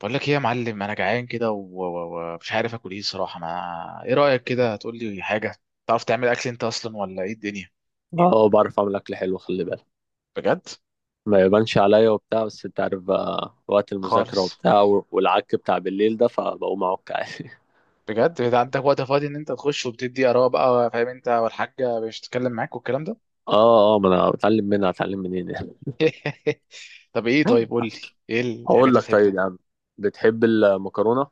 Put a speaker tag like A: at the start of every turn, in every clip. A: بقول لك ايه يا معلم؟ انا جعان كده ومش عارف اكل ايه صراحه. ما ايه رايك كده؟ هتقول لي حاجه تعرف تعمل اكل انت اصلا، ولا ايه الدنيا؟
B: اه آه، بعرف اعمل اكل حلو، خلي بالك.
A: بجد؟
B: ما يبانش عليا وبتاع، بس انت عارف بقى وقت المذاكره
A: خالص؟
B: وبتاع والعك بتاع بالليل ده، فبقوم اعك عادي.
A: بجد ده عندك وقت فاضي ان انت تخش وبتدي اراء بقى، فاهم انت؟ والحاجه مش تتكلم معاك والكلام ده.
B: اه، اه، ما انا بتعلم منها هتعلم منين يعني.
A: طب ايه؟ طيب قول لي، ايه
B: هقول
A: الحاجات اللي
B: لك
A: بتحب
B: طيب
A: تعمل؟
B: يا عم. بتحب المكرونه؟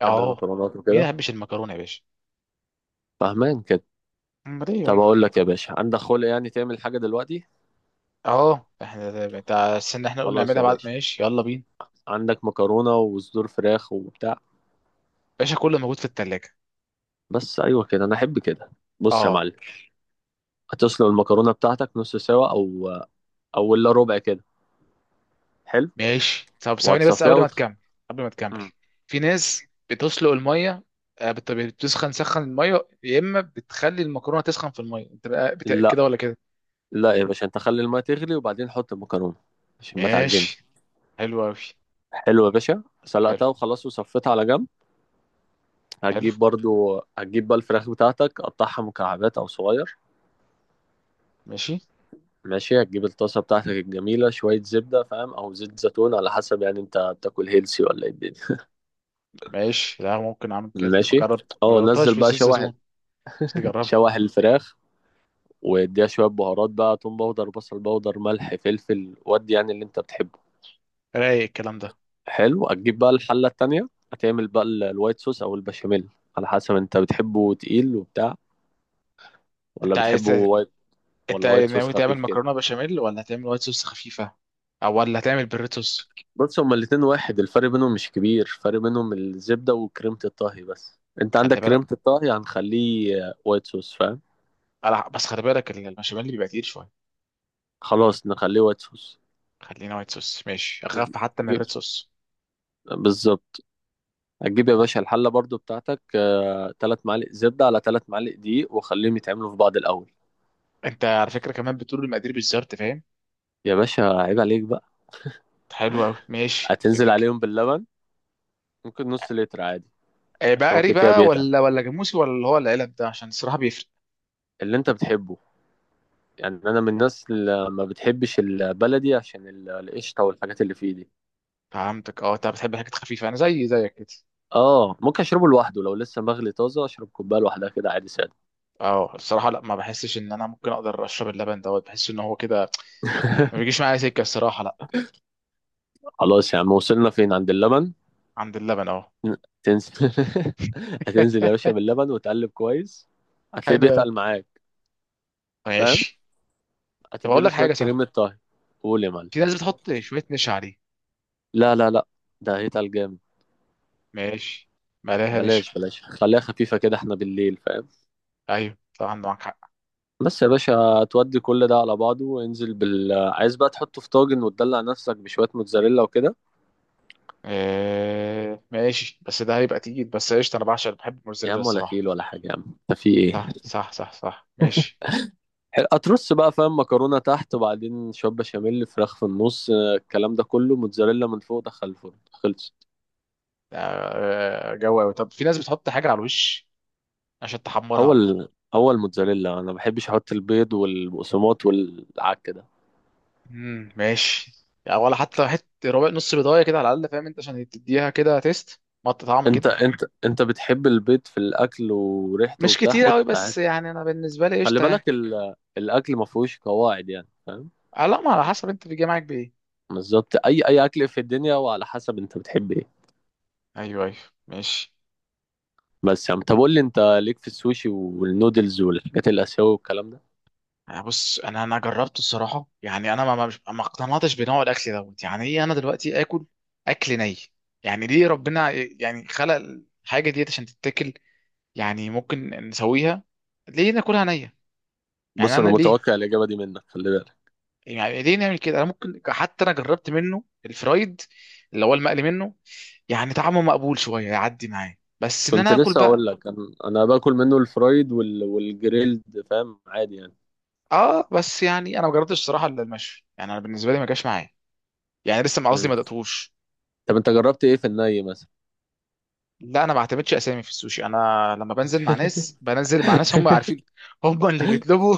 B: بتحب
A: اه.
B: المكرونات
A: مين ما
B: وكده؟
A: يحبش المكرونه يا باشا؟
B: فاهمان كده.
A: امال ايه
B: طب
A: يابا؟
B: اقول لك يا باشا، عندك خلق يعني تعمل حاجه دلوقتي؟
A: اه احنا استنى احنا قلنا
B: خلاص
A: نعملها
B: يا
A: بعد،
B: باشا.
A: ماشي؟ يلا بينا.
B: عندك مكرونه وصدور فراخ وبتاع؟
A: باشا كله موجود في التلاجة.
B: بس ايوه كده، انا احب كده. بص يا
A: اه
B: معلم. هتسلق المكرونه بتاعتك نص سوا او الا ربع كده. حلو.
A: ماشي. طب ثواني بس،
B: وهتصفيها
A: قبل ما تكمل. قبل ما تكمل،
B: مم.
A: في ناس بتسلق الميه. بتسخن سخن الميه، يا اما بتخلي المكرونه تسخن في الميه. انت بقى
B: لا،
A: كده ولا كده؟
B: لا يا باشا، انت خلي الماء تغلي وبعدين حط المكرونه عشان ما تعجنش.
A: ماشي. حلو قوي.
B: حلو يا باشا،
A: حلو.
B: سلقتها وخلاص وصفيتها على جنب.
A: حلو.
B: هتجيب برضو، هتجيب بقى الفراخ بتاعتك، قطعها مكعبات او صغير.
A: ماشي.
B: ماشي. هتجيب الطاسه بتاعتك الجميله، شويه زبده فاهم، او زيت زيتون، على حسب يعني انت بتاكل هيلسي ولا ايه الدنيا.
A: ماشي. لا، ممكن اعمل كده،
B: ماشي.
A: ما
B: اه،
A: جربتهاش في
B: نزل بقى
A: الزيت
B: شوح،
A: زيتون، بس تجربها.
B: شوح الفراخ. واديها شويه بهارات بقى، توم باودر، بصل باودر، ملح، فلفل، ودي يعني اللي انت بتحبه.
A: رايق الكلام ده.
B: حلو، هتجيب بقى الحلة التانية، هتعمل بقى الوايت صوص أو البشاميل. على حسب أنت بتحبه تقيل وبتاع، ولا
A: انت عايز،
B: بتحبه وايت،
A: انت
B: ولا وايت صوص
A: ناوي تعمل
B: خفيف كده.
A: مكرونه بشاميل، ولا هتعمل وايت صوص خفيفه، ولا هتعمل بريتوس؟
B: بص، هما الاتنين واحد، الفرق بينهم مش كبير. الفرق بينهم الزبدة وكريمة الطهي، بس أنت عندك
A: خلي بالك.
B: كريمة الطهي هنخليه وايت صوص فاهم.
A: بس خلي بالك، المشاميل اللي بيبقى تقيل شويه.
B: خلاص نخليه وايت صوص.
A: خلينا وايت صوص، ماشي، اخاف حتى من
B: جيب.
A: الريد صوص.
B: بالظبط. هتجيب يا باشا الحلة برضو بتاعتك. تلات معالق زبدة على 3 معالق دقيق وخليهم يتعملوا في بعض الأول.
A: انت على فكره كمان بتقول المقادير بالظبط، فاهم؟
B: يا باشا عيب عليك بقى.
A: حلو قوي، ماشي
B: هتنزل
A: جيجا.
B: عليهم باللبن. ممكن نص لتر عادي. عشان هو
A: بقري
B: كده كده
A: بقى
B: بيتقل.
A: ولا جاموسي، ولا اللي هو العلب ده؟ عشان الصراحه بيفرق.
B: اللي انت بتحبه. يعني انا من الناس اللي ما بتحبش البلدي، عشان القشطه والحاجات اللي فيه دي.
A: فهمتك. اه انت بتحب الحاجات الخفيفه، انا زي زيك كده.
B: اه، ممكن اشربه لوحده، لو لسه مغلي طازه اشرب كوبايه لوحدها كده عادي ساده.
A: اه الصراحه لا، ما بحسش ان انا ممكن اقدر اشرب اللبن دوت، بحس ان هو كده ما بيجيش معايا سكه، الصراحه لا.
B: خلاص يا عم، وصلنا فين؟ عند اللبن.
A: عند اللبن اه.
B: تنزل. هتنزل يا باشا باللبن وتقلب كويس. هتلاقيه
A: حلو قوي
B: بيتقل معاك. فاهم.
A: ماشي. طب اقول
B: هتديله
A: لك
B: شويه
A: حاجه صح؟
B: كريمه طهي. قول يا معلم.
A: في ناس بتحط شويه نشا عليه.
B: لا، لا، لا. ده هيتقل جامد.
A: ماشي. مالها نشا؟
B: بلاش بلاش، خليها خفيفه كده، احنا بالليل فاهم.
A: ايوه طبعا، معاك حق.
B: بس يا باشا تودي كل ده على بعضه وانزل بال، عايز بقى تحطه في طاجن وتدلع نفسك بشوية موتزاريلا وكده.
A: آه ماشي، بس ده هيبقى تقيل، بس قشطة. أنا بعشق، بحب
B: يا
A: الموزاريلا
B: عم ولا
A: الصراحة.
B: كيل ولا حاجة يا عم. انت في ايه؟
A: صح صح صح صح. ماشي.
B: هترص بقى فاهم، مكرونة تحت وبعدين شوية بشاميل، فراخ في النص، الكلام ده كله، موتزاريلا من فوق، دخل الفرن خلصت.
A: آه جو أوي. طب في ناس بتحط حاجة على الوش عشان
B: هو
A: تحمرها.
B: ال... هو الموتزاريلا انا ما بحبش احط البيض والبقسماط والعك ده.
A: ماشي يعني، ولا حتى حتة ربع نص بيضاية كده على الأقل، فاهم أنت؟ عشان تديها كده تيست، طعم
B: انت
A: كده.
B: انت انت بتحب البيض في الاكل وريحته
A: مش
B: وبتاع،
A: كتير
B: حط
A: أوي،
B: عادي.
A: بس يعني أنا بالنسبة لي
B: خلي
A: قشطة يعني.
B: بالك الاكل ما فيهوش قواعد يعني فاهم.
A: لا، ما على حسب أنت بيجي معاك بإيه.
B: بالظبط، اي اكل في الدنيا، وعلى حسب انت بتحب ايه.
A: أيوه أيوه ماشي.
B: بس يا عم طب قول لي، انت ليك في السوشي والنودلز والحاجات الاسيويه والكلام ده؟
A: بص انا جربته الصراحه، يعني انا مش ما اقتنعتش بنوع الاكل دوت. يعني ايه انا دلوقتي اكل، اكل ني؟ يعني ليه ربنا يعني خلق الحاجه ديت عشان تتاكل، يعني ممكن نسويها، ليه ناكلها نيه؟ يعني
B: بص انا
A: انا ليه؟
B: متوقع الاجابه دي منك، خلي بالك.
A: يعني ليه نعمل كده؟ انا ممكن حتى انا جربت منه الفرايد، اللي هو المقلي منه، يعني طعمه مقبول شويه، يعدي معايا، بس ان
B: كنت
A: انا اكل
B: لسه
A: بقى.
B: اقول لك انا، أنا باكل منه الفرايد والجريلد فاهم، عادي يعني.
A: اه، بس يعني انا ما جربتش الصراحه الا المشوي، يعني انا بالنسبه لي ما جاش معايا. يعني لسه، ما قصدي،
B: مم.
A: ما دقتوش.
B: طب انت جربت ايه في الني مثلا؟
A: لا انا ما بعتمدش اسامي في السوشي. انا لما بنزل مع ناس، هم عارفين، هم اللي بيطلبوا.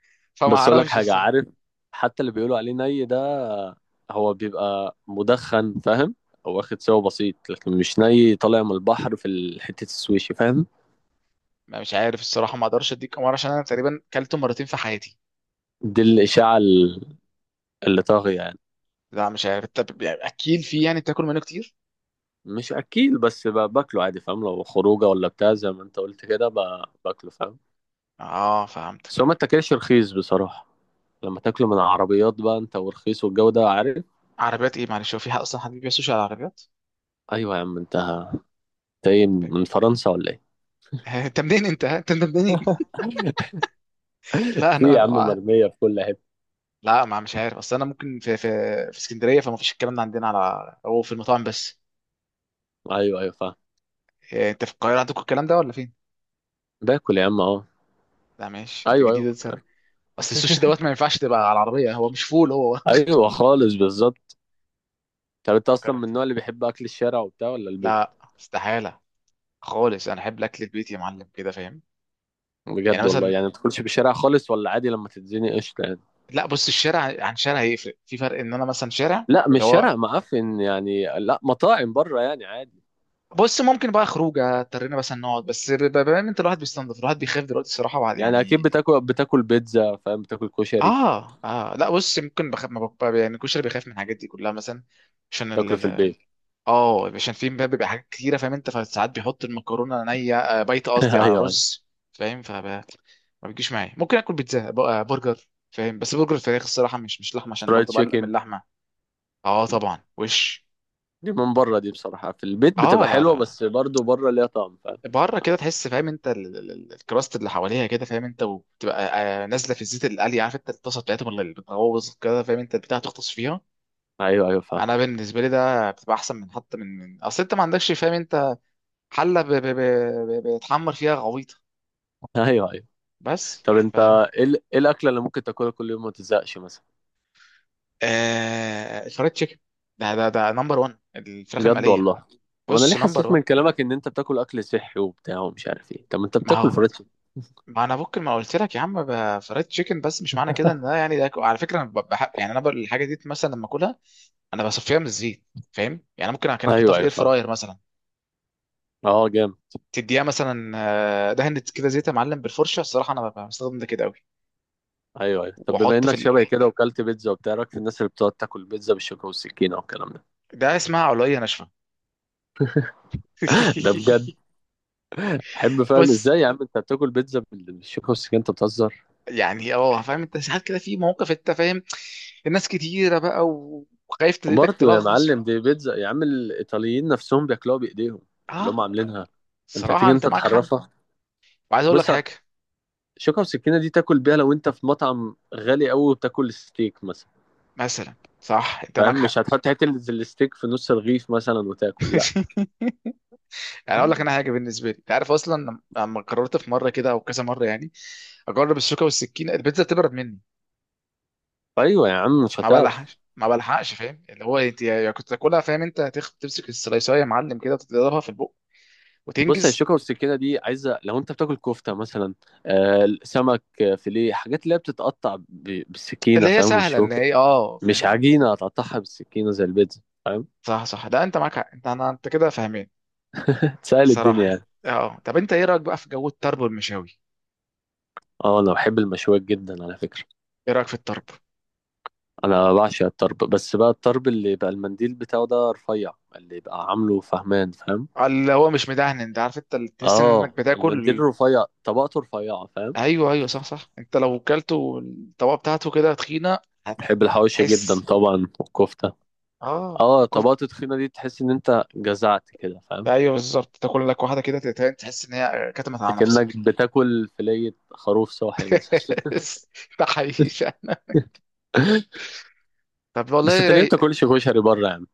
A: فما
B: بس اقول لك
A: اعرفش
B: حاجه،
A: الصراحه.
B: عارف؟ حتى اللي بيقولوا عليه ني ده، هو بيبقى مدخن فاهم، او واخد سوا بسيط، لكن مش ني طالع من البحر في حته السويشي فاهم.
A: ما مش عارف الصراحه، ما اقدرش اديك امر، عشان انا تقريبا كلته مرتين في حياتي.
B: دي الاشاعه اللي طاغي يعني.
A: لا مش عارف. طب يعني اكيل فيه؟ يعني بتاكل منه كتير؟
B: مش اكيل، بس باكله عادي فاهم، لو خروجه ولا بتاع زي ما انت قلت كده باكله فاهم.
A: اه فهمت.
B: بس هو ما تاكلش رخيص بصراحه، لما تاكله من عربيات بقى انت، والرخيص والجو ده عارف.
A: عربيات ايه معلش؟ هو فيها اصلا حد بيبيع سوشي على العربيات؟
B: ايوه يا عم، انت. ايه، من فرنسا ولا ايه؟
A: انت منين انت؟ ها؟ انت منين؟ لا
B: في
A: انا
B: يا عم،
A: آه.
B: مرميه في كل حته.
A: لا، ما مش عارف. اصل انا ممكن في في اسكندريه فما فيش الكلام ده عندنا، على هو في المطاعم بس.
B: ايوه، ايوه، فاهم.
A: إيه، انت في القاهره عندكم الكلام ده ولا فين؟
B: باكل يا عم اه.
A: لا ماشي، انت
B: ايوه، ايوه،
A: جديد.
B: فكرت.
A: اصل السوشي دوت ما ينفعش تبقى على العربيه، هو مش فول هو.
B: ايوه، خالص، بالظبط. طب انت
A: انا
B: اصلا من
A: مكرر.
B: النوع اللي بيحب اكل الشارع وبتاع ولا البيت؟
A: لا، استحاله خالص. انا احب الاكل البيت يا معلم كده، فاهم؟ يعني
B: بجد والله؟
A: مثلا،
B: يعني ما تاكلش في الشارع خالص، ولا عادي لما تتزنق قشطه يعني؟
A: لا بص، الشارع عن شارع هيفرق في فرق، ان انا مثلا شارع
B: لا،
A: ده
B: مش
A: هو.
B: شارع معفن يعني، لا مطاعم بره يعني عادي.
A: بص ممكن بقى خروجه اضطرينا مثلا نقعد بس، بما ان انت الواحد بيستنضف، الواحد بيخاف دلوقتي الصراحه بعد
B: يعني اكيد
A: يعني.
B: بتاكل بيتزا فاهم، بتاكل كشري.
A: اه اه لا بص، ممكن بخاف، ما بخ... يعني الكشري بيخاف من الحاجات دي كلها مثلا، عشان.
B: تاكله في البيت.
A: اه، عشان في بقى، بيبقى حاجات كتيره، فاهم انت؟ فساعات بيحط المكرونه نيه، بايته، قصدي، على
B: ايوه، ايوه.
A: رز. فاهم؟ ما بيجيش معايا. ممكن اكل بيتزا برجر، فاهم؟ بس برجر فراخ الصراحه، مش لحمه، عشان
B: فرايد
A: برضه بقلق من
B: تشيكن.
A: اللحمه. اه طبعا وش.
B: دي من بره، دي بصراحه في البيت
A: اه
B: بتبقى
A: لا
B: حلوه،
A: لا.
B: بس برضه بره ليها طعم فاهم.
A: بره كده تحس، فاهم انت؟ الكراست اللي حواليها كده، فاهم انت؟ وبتبقى نازله في الزيت اللي قلي، عارف انت الطاسه بتاعتهم اللي بتغوص كده، فاهم انت؟ البتاع تغطس فيها.
B: ايوه، ايوه، فاهم.
A: انا بالنسبه لي ده بتبقى احسن، من حتى من اصل انت ما عندكش، فاهم انت، حله بتحمر فيها غويطه.
B: ايوه، ايوه،
A: بس.
B: طب
A: ف
B: انت ايه إيه الاكله اللي ممكن تاكلها كل يوم وما تزهقش مثلا؟
A: الفرايد تشيكن. ده نمبر 1، الفراخ
B: بجد
A: المقليه.
B: والله؟ طب انا ليه
A: بص، نمبر
B: حسيت من
A: 1.
B: كلامك ان انت بتاكل اكل صحي وبتاع ومش عارف ايه؟ طب ما انت
A: ما
B: بتاكل
A: هو،
B: فرايد تشيكن.
A: ما انا ممكن ما قلت لك يا عم، فرايد تشيكن. بس مش معنى كده ان ده يعني، ده على فكره انا بحب يعني، الحاجه دي مثلا لما اكلها انا بصفيها من الزيت، فاهم يعني؟ ممكن كان احطها
B: ايوه،
A: في
B: ايوه،
A: الاير
B: فاهم.
A: فراير مثلا،
B: اه جامد.
A: تديها مثلا دهنة كده زيت يا معلم بالفرشه الصراحه، انا بستخدم ده كده قوي.
B: ايوه، ايوه، طب بما
A: واحط في
B: انك
A: ال...
B: شبه كده وكلت بيتزا وبتاع، رأيك في الناس اللي بتقعد تاكل بيتزا بالشوكه والسكينه والكلام ده؟
A: ده اسمها علويه ناشفه.
B: ده بجد؟ احب فاهم
A: بص
B: ازاي يا عم انت بتاكل بيتزا بالشوكه والسكينه، انت بتهزر؟
A: يعني، فاهم انت؟ ساعات كده في مواقف، انت فاهم، الناس كتيره بقى، وخايف تديدك
B: وبرضه يا
A: تلغص.
B: معلم دي بيتزا يا عم، الايطاليين نفسهم بياكلوها بايديهم، اللي
A: اه
B: هم عاملينها. انت
A: صراحه
B: هتيجي
A: انت
B: انت
A: معاك حق.
B: تحرفها؟
A: وعايز اقول لك
B: بص.
A: حاجه،
B: الشوكه والسكينه دي تاكل بيها لو انت في مطعم غالي قوي وبتاكل ستيك مثلا.
A: مثلا صح، انت معاك
B: فاهم
A: حق.
B: مش هتحط حته الستيك في نص الرغيف مثلا وتاكل، لا.
A: يعني اقول لك انا حاجه، بالنسبه لي انت عارف اصلا، لما قررت في مره كده او كذا مره، يعني اجرب الشوكه والسكينه، البيتزا بتبرد مني.
B: ايوه يا عم مش
A: ما
B: هتعرف.
A: بلحقش ما بلحقش، فاهم؟ اللي هو انت يا كنت تاكلها، فاهم انت؟ تمسك السلايسايه يا معلم كده، تضربها في البق
B: بص، هي
A: وتنجز.
B: الشوكة والسكينة دي عايزة لو انت بتاكل كفتة مثلا، سمك، فيليه، حاجات اللي هي بتتقطع ب-
A: اللي
B: بالسكينة
A: هي
B: فاهم
A: سهله، اللي
B: والشوكة.
A: هي
B: مش
A: فاهم.
B: عجينة هتقطعها بالسكينة زي البيتزا فاهم.
A: صح صح، ده انت معاك حق. انت كده فاهمين.
B: تسهل
A: الصراحه
B: الدنيا يعني.
A: يعني. اه طب انت ايه رايك بقى في جو الطرب والمشاوي؟
B: اه، انا بحب المشويات جدا على فكرة.
A: ايه رايك في الطرب؟
B: انا بعشق الطرب، بس بقى الطرب اللي يبقى المنديل بتاعه ده رفيع، اللي يبقى عامله فهمان فاهم.
A: اللي هو مش مدهن، انت عارف انت اللي تحس انك
B: اه، المنديل
A: بتاكل.
B: الرفيع طبقته رفيعة فاهم.
A: ايوه ايوه صح صح، انت لو كلته الطبقه بتاعته كده تخينه،
B: بحب الحواوشي جدا
A: هتحس.
B: طبعا، والكفتة.
A: اه
B: اه،
A: كف...
B: طبقته تخينة دي تحس ان انت جزعت كده فاهم.
A: ايوه بالظبط. تاكل لك واحده كده تتهان، تحس ان هي كتمت على
B: اكنك
A: نفسك.
B: بتاكل فلية خروف صاحي مثلا.
A: ده حقيقي فعلا. طب
B: بس
A: والله
B: انت ليه
A: رايق.
B: بتاكلش كشري بره يا عم؟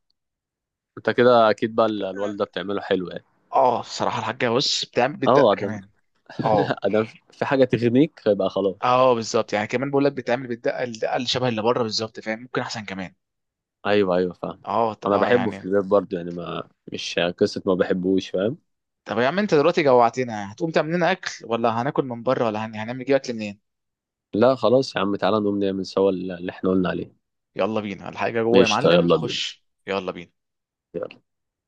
B: انت كده اكيد بقى الوالدة بتعمله حلو يعني.
A: اه بصراحه الحاجه بص بتعمل
B: اه،
A: بتدقق
B: ادم.
A: كمان. اه
B: ادم. في حاجة تغنيك فيبقى خلاص.
A: اه بالظبط. يعني كمان بقول لك بتعمل بالدقه الدقه اللي شبه اللي بره بالظبط، فاهم؟ ممكن احسن كمان.
B: ايوه، ايوه، فاهم.
A: اه طب
B: انا بحبه في
A: يعني.
B: البيت برضه يعني، ما مش قصة ما بحبوش فاهم.
A: طب يا عم انت دلوقتي جوعتنا، هتقوم تعمل لنا اكل ولا هناكل من بره، ولا هنعمل نجيب اكل منين؟
B: لا خلاص يا عم، تعالى نقوم نعمل سوا اللي احنا قلنا عليه.
A: يلا بينا. الحاجه جوه يا
B: قشطة،
A: معلم،
B: يلا بينا.
A: خش، يلا بينا.
B: يلا.